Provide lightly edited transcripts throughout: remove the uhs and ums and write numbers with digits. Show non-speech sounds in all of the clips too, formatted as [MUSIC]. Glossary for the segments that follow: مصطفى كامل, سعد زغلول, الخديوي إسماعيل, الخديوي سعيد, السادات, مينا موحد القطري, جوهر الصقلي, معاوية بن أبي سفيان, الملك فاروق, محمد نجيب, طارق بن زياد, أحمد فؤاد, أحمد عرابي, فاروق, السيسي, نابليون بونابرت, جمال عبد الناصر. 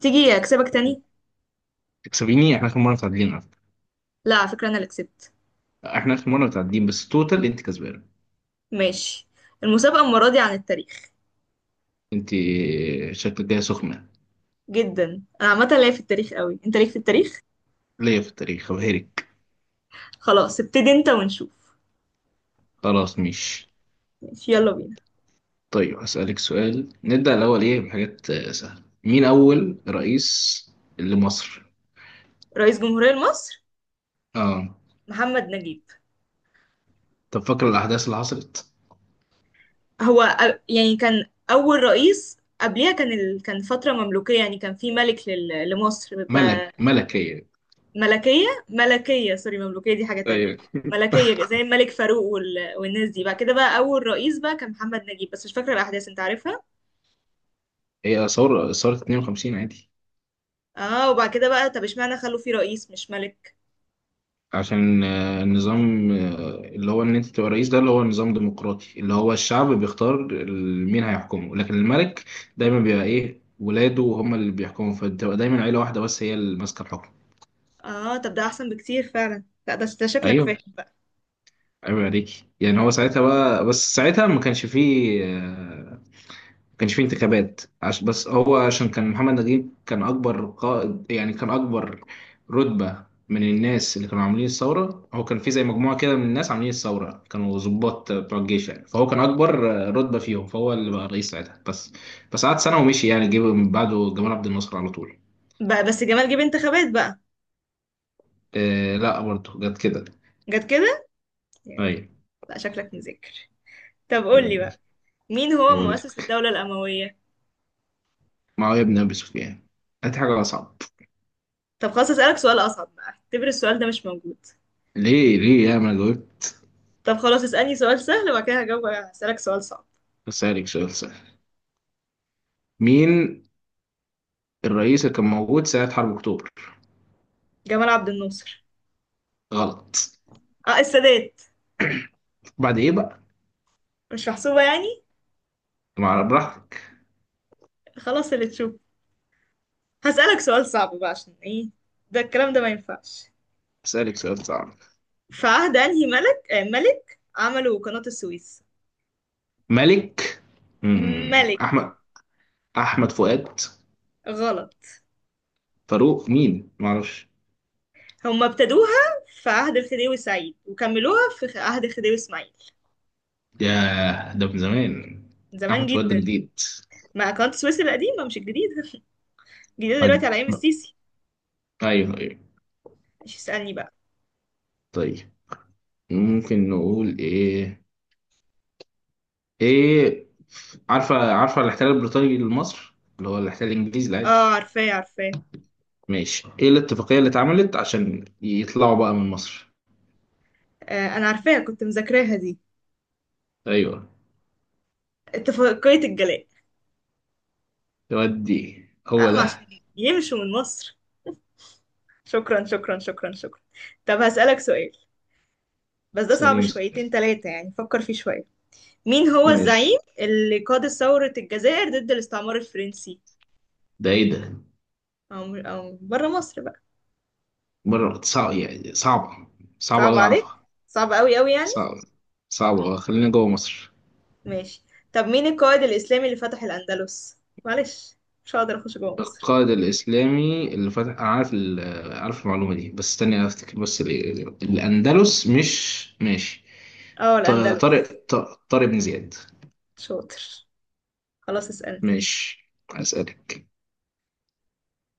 تيجي اكسبك احنا تاني؟ تكسبيني احنا اخر مره متعادلين على فكرة. لا، على فكره انا اللي كسبت. احنا اخر مره متعادلين بس توتال انت كسبانه. ماشي. المسابقه المره دي عن التاريخ. انت شكلك جايه سخنه. جدا. انا عامه ليا في التاريخ قوي، انت ليك في التاريخ؟ ليا في التاريخ وهيرك. خلاص، ابتدي انت ونشوف. خلاص مش. ماشي، يلا بينا. طيب هسألك سؤال، نبدأ الأول إيه بحاجات سهلة. مين ماشي. أول رئيس لمصر؟ رئيس جمهوريه مصر؟ آه، محمد نجيب. طب فاكر الأحداث اللي حصلت؟ هو يعني كان اول رئيس، قبليها كان كان فتره مملوكيه، يعني كان في ملك لمصر بيبقى ملك هي. ملكيه سوري، مملوكيه دي حاجه تانية. أيوة. ملكيه زي الملك فاروق والناس دي. بعد كده بقى اول رئيس بقى كان محمد نجيب، بس مش فاكره الاحداث، انت عارفها. هي ثورة 52 عادي. اه، وبعد كده بقى، طب اشمعنى خلوا فيه رئيس مش ملك؟ عشان النظام، اللي هو ان انت تبقى رئيس، ده اللي هو نظام ديمقراطي اللي هو الشعب بيختار مين هيحكمه، لكن الملك دايما بيبقى ايه، ولاده هم اللي بيحكموا، فبتبقى دايما عيلة واحدة بس هي اللي ماسكة الحكم. اه، طب ده احسن بكتير فعلا. لا، ده شكلك فاهم ايوه، بقى ايوه، عليكي يعني. هو ساعتها بقى، بس ساعتها ما كانش فيه انتخابات. بس هو عشان كان محمد نجيب كان أكبر قائد، يعني كان أكبر رتبة من الناس اللي كانوا عاملين الثورة. هو كان في زي مجموعة كده من الناس عاملين الثورة كانوا ضباط بتوع الجيش يعني، فهو كان أكبر رتبة فيهم، فهو اللي بقى رئيس ساعتها. بس قعد سنة ومشي يعني، جه من بعده جمال عبد الناصر على طول. بقى بس جمال جه انتخابات بقى؟ آه، لا، برضه جت كده. جت كده. yeah. أيوة. لا، شكلك مذاكر. طب قول لي بقى، مين هو هو دي. مؤسس الدولة الأموية؟ معاوية بن أبي سفيان. هات حاجة أصعب. طب خلاص، اسألك سؤال أصعب بقى، اعتبر السؤال ده مش موجود. ليه ليه، يا ما جاوبت؟ طب خلاص، اسألني سؤال سهل، وبعد كده هجاوب، هسألك سؤال صعب. بسألك سؤال سهل. مين الرئيس اللي كان موجود سنة حرب أكتوبر؟ جمال عبد الناصر. غلط. اه، السادات. بعد إيه بقى؟ مش محسوبة يعني. مع براحتك. خلاص، اللي تشوف. هسألك سؤال صعب بقى، عشان ايه ده الكلام ده ما ينفعش. أسألك سؤال صعب. في عهد انهي ملك، ملك عملوا قناة السويس؟ ملك. مم. ملك. أحمد فؤاد. غلط. فاروق مين؟ معرفش. هم ابتدوها في عهد الخديوي سعيد، وكملوها في عهد الخديوي اسماعيل. ياه، ده من زمان. من زمان أحمد فؤاد ده جدا. جديد. مع قناة السويس القديمة مش الجديدة. [LAUGHS] الجديدة أج- دلوقتي على ايام السيسي. أيوه، أيوه. مش اسألني بقى؟ طيب، ممكن نقول إيه؟ إيه، عارفة، عارفة الاحتلال البريطاني لمصر؟ اللي هو الاحتلال الإنجليزي العادي. اه، عارفاه عارفاه. ماشي، إيه الاتفاقية اللي اتعملت عشان يطلعوا بقى من مصر؟ آه، انا عارفاها، كنت مذاكراها دي. أيوه، اتفاقية الجلاء. يودي. هو اه، ما عشان ده. يمشوا من مصر. شكرا شكرا شكرا شكرا. طب هسألك سؤال، بس ده صعب سليم، سليم. شويتين تلاتة يعني، فكر فيه شوية. مين هو ماشي. الزعيم اللي قاد ثورة الجزائر ضد الاستعمار الفرنسي؟ ده ايه ده؟ أو بره مصر بقى. بره صعب يعني، صعبة، صعبة صعب أوي عليك. أعرفها، صعب قوي قوي يعني. صعبة، صعبة أوي. خلينا جوه مصر. ماشي. طب مين القائد الإسلامي اللي فتح الأندلس؟ معلش، مش هقدر أخش جوه مصر. القائد الإسلامي اللي فتح، أنا عارف ال، عارف المعلومة دي بس استني أفتكر بس ال، الأندلس، مش ماشي. اه، ط- الأندلس. طارق طارق بن زياد. شاطر. خلاص، اسألني. ماشي، أسألك.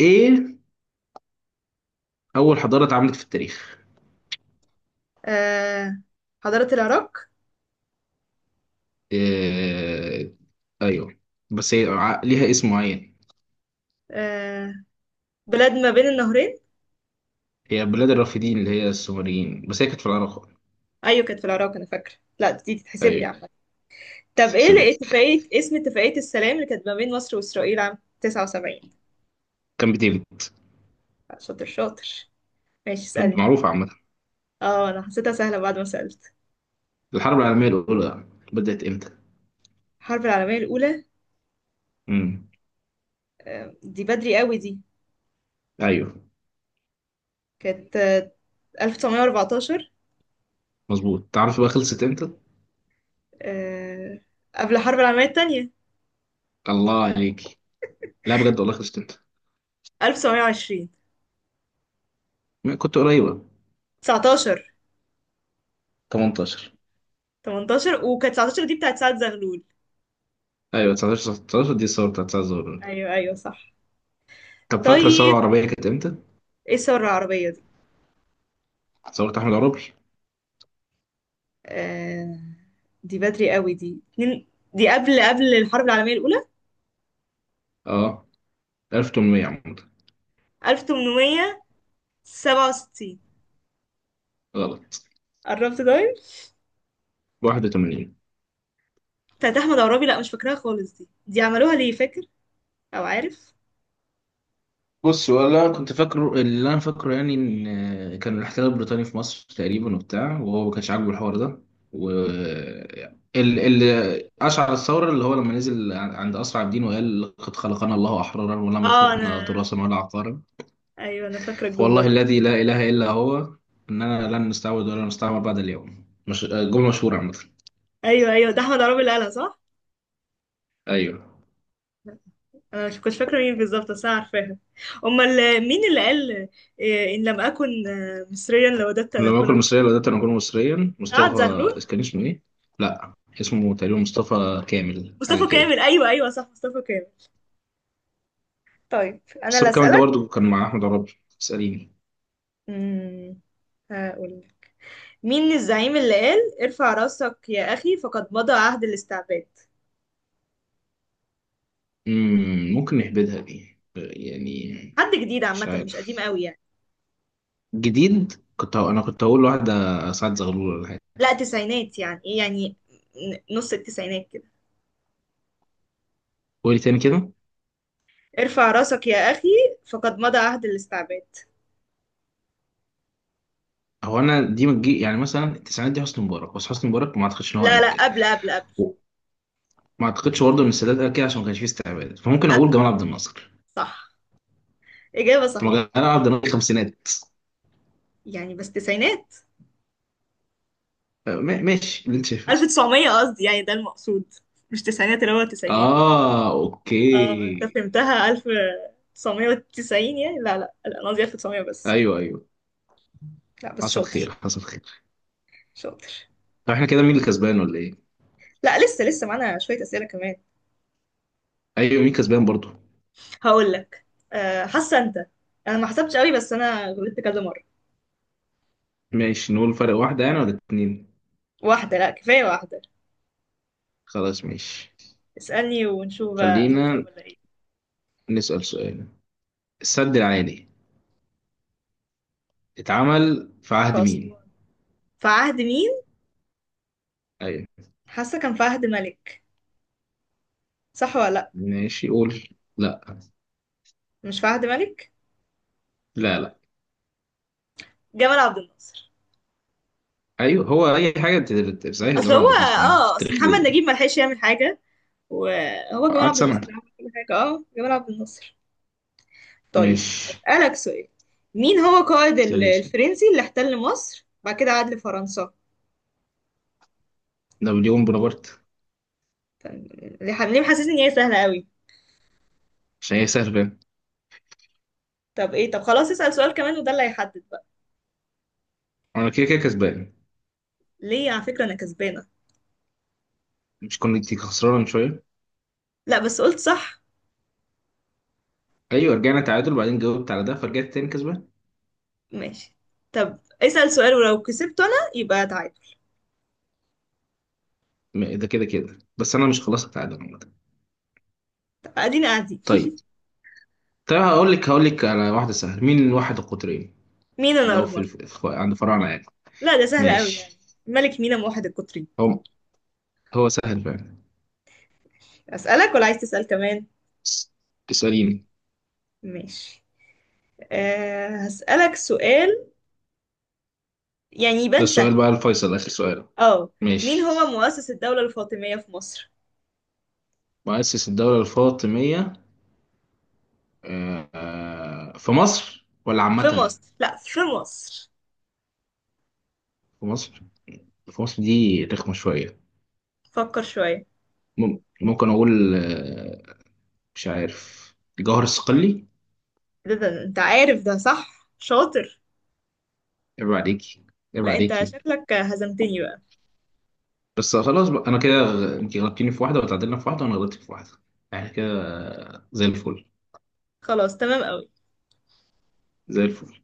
إيه أول حضارة اتعملت في التاريخ؟ آه، حضارة العراق. إيه، أيوه، بس هي ليها اسم معين. آه، بلاد ما بين النهرين. هي بلاد الرافدين اللي هي السومريين، بس هي كانت في العراق. أيوة، كانت في العراق أنا فاكرة. لا دي تتحسب لي أيوه، عامة. طب ايه تتحسب اللي، إيه لك، اتفاقية، اسم اتفاقية السلام اللي كانت ما بين مصر وإسرائيل عام 79؟ كام بتيجي. شاطر شاطر. ماشي، اسألني. معروفة عامة. اه، انا حسيتها سهلة بعد ما سألت. الحرب العالمية الأولى بدأت إمتى؟ الحرب العالمية الأولى. امم. دي بدري قوي دي. أيوه، كانت 1914. مظبوط. تعرف بقى خلصت إمتى؟ آه، قبل الحرب العالمية التانية. الله عليك. لا بجد والله، خلصت إمتى؟ 1920. ما كنت قريبة. 19. 18. 18. وكانت 19 دي بتاعت سعد زغلول. أيوه، 19، 19 دي الثورة بتاعت 9 الظهر. ايوه ايوه صح. طب فاكرة الثورة طيب، العربية كانت إمتى؟ ايه الثورة العربية دي؟ ثورة أحمد عرابي؟ آه، دي بدري قوي دي. دي قبل الحرب العالمية الأولى. أه، 1800 عامة. 1867. غلط. قربت ده. 81. بتاعت احمد عرابي؟ لا مش فاكراها خالص دي عملوها ليه فاكر او عارف؟ بص والله انا كنت فاكره اللي انا فاكره، يعني ان كان الاحتلال البريطاني في مصر تقريبا وبتاع، وهو ما كانش عاجبه الحوار ده، و اللي اشعل الثوره اللي هو لما نزل عند اسرع الدين وقال: لقد خلقنا الله احرارا ولم اه انا، يخلقنا تراثا ولا عقارا، ايوه انا فاكره الجمله فوالله دي. الذي لا اله الا هو اننا لن نستعبد ولا نستعمر بعد اليوم. مش جمله مشهوره عامه؟ ايوه ايوه، ده احمد عرابي اللي قالها صح. ايوه، انا مش كنت فاكره مين بالظبط، بس انا عارفاها. امال مين اللي قال إيه، ان لم اكن مصريا لوددت ان لما اكون اكون مصريا مصريا؟ لو قدرت انا اكون مصريا، سعد مصطفى، زغلول. كان اسمه ايه؟ لا، اسمه تقريبا مصطفى كامل، حاجه مصطفى كده. كامل. ايوه ايوه صح، مصطفى كامل. طيب انا بس اللي الكلام ده اسالك. برضه كان مع أحمد عرابي. اسأليني. امم هقول، مين الزعيم اللي قال ارفع راسك يا اخي فقد مضى عهد الاستعباد؟ ممكن نهبدها دي يعني. حد جديد مش عامه، مش قديم عارف. قوي يعني. جديد، أنا كنت هقول واحدة، سعد زغلول ولا حاجة. لا، تسعينات يعني، ايه يعني، نص التسعينات. قولي تاني كده. ارفع راسك يا أخي، فقد مضى عهد الاستعباد. هو أنا دي ما تجي، يعني مثلا التسعينات دي حسني مبارك، بس حسني مبارك ما أعتقدش إن هو لا قال لا، كده. قبل. ما أعتقدش برضه إن السادات قال كده عشان ما كانش فيه استعباد، فممكن أ- أقول جمال عبد الناصر. صح. إجابة طب ما صحيحة. جمال عبد الناصر خمسينات. يعني بس تسعينات، ماشي اللي أنت شايفه. 1900 قصدي يعني، ده المقصود، مش تسعينات اللي هو تسعينات. آه، اه انت أوكي. فهمتها 1990 يعني، لا لا لا انا قصدي 1900 بس. أيوه، أيوه. لا بس حصل شاطر. خير، حصل خير. شاطر. طب إحنا كده مين اللي كسبان ولا إيه؟ لا لسه لسه معانا شوية أسئلة كمان. ايوه، مين كسبان برضو. هقول لك، حاسة انت. انا ما حسبتش قوي، بس انا غلطت كذا مرة. ماشي، نقول فرق واحدة يعني ولا اتنين. واحدة، لا كفاية واحدة. خلاص ماشي. اسألني ونشوف بقى هكسب خلينا ولا ايه. نسأل سؤال. السد العالي اتعمل في عهد مين؟ فأسوان. في عهد مين؟ ايوه. حاسه كان فهد ملك. صح ولا لا؟ ماشي، قول. لا، مش فهد ملك. لا، لا. جمال عبد الناصر. ايوه، هو اي حاجة انت صحيح. اصل جمال هو عبد الناصر عامة في اه، اصل التاريخ محمد نجيب ما لحقش يعمل حاجه، وهو جمال قعد عبد الناصر اللي سنة. عمل كل حاجه. اه جمال عبد الناصر. طيب، ماشي، اسالك سؤال. مين هو قائد سيريس، الفرنسي اللي احتل مصر بعد كده عاد لفرنسا؟ نابليون بونابرت. طب ليه، ليه محسسني ان هي سهله قوي؟ عشان هي سهل فاهم. طب ايه، طب خلاص اسال سؤال كمان وده اللي هيحدد بقى. انا كده كده كسبان. ليه على فكره انا كسبانه. مش كنت خسران من شوية؟ لا بس قلت صح. ايوه، رجعنا تعادل، بعدين جاوبت على ده فرجعت تاني كسبان. ماشي. طب اسال سؤال، ولو كسبت انا يبقى تعادل. ده كده كده، بس انا مش، خلاص التعادل عامة. طب ادينا قاعدين. طيب، طيب، هقول لك على واحدة سهلة. مين واحد القطرين مين انا؟ اللي هو في الف، في عند فراعنة يعني. لا ده سهل قوي يعني. ماشي. ملك مينا موحد القطري. هو هو سهل فعلا. أسألك ولا عايز تسأل كمان؟ اس- اسأليني. ماشي. أه، هسألك سؤال، يعني ده يبان سهل. السؤال بقى الفيصل، آخر سؤال. اه. مين ماشي. هو مؤسس الدولة الفاطمية في مصر؟ مؤسس الدولة الفاطمية، في مصر ولا في عامة؟ مصر، لا في مصر. في مصر. في مصر دي رخمة شوية. فكر شوية. ممكن أقول مش عارف، جوهر الصقلي. ده انت عارف ده صح. شاطر. عيب عليكي، عيب لا انت عليكي. شكلك هزمتني بقى. بس خلاص بقى، انا كده انت غلطتيني في واحده، وتعادلنا في واحده، وانا غلطت في واحده. احنا كده زي الفل، خلاص تمام قوي. زي الفل.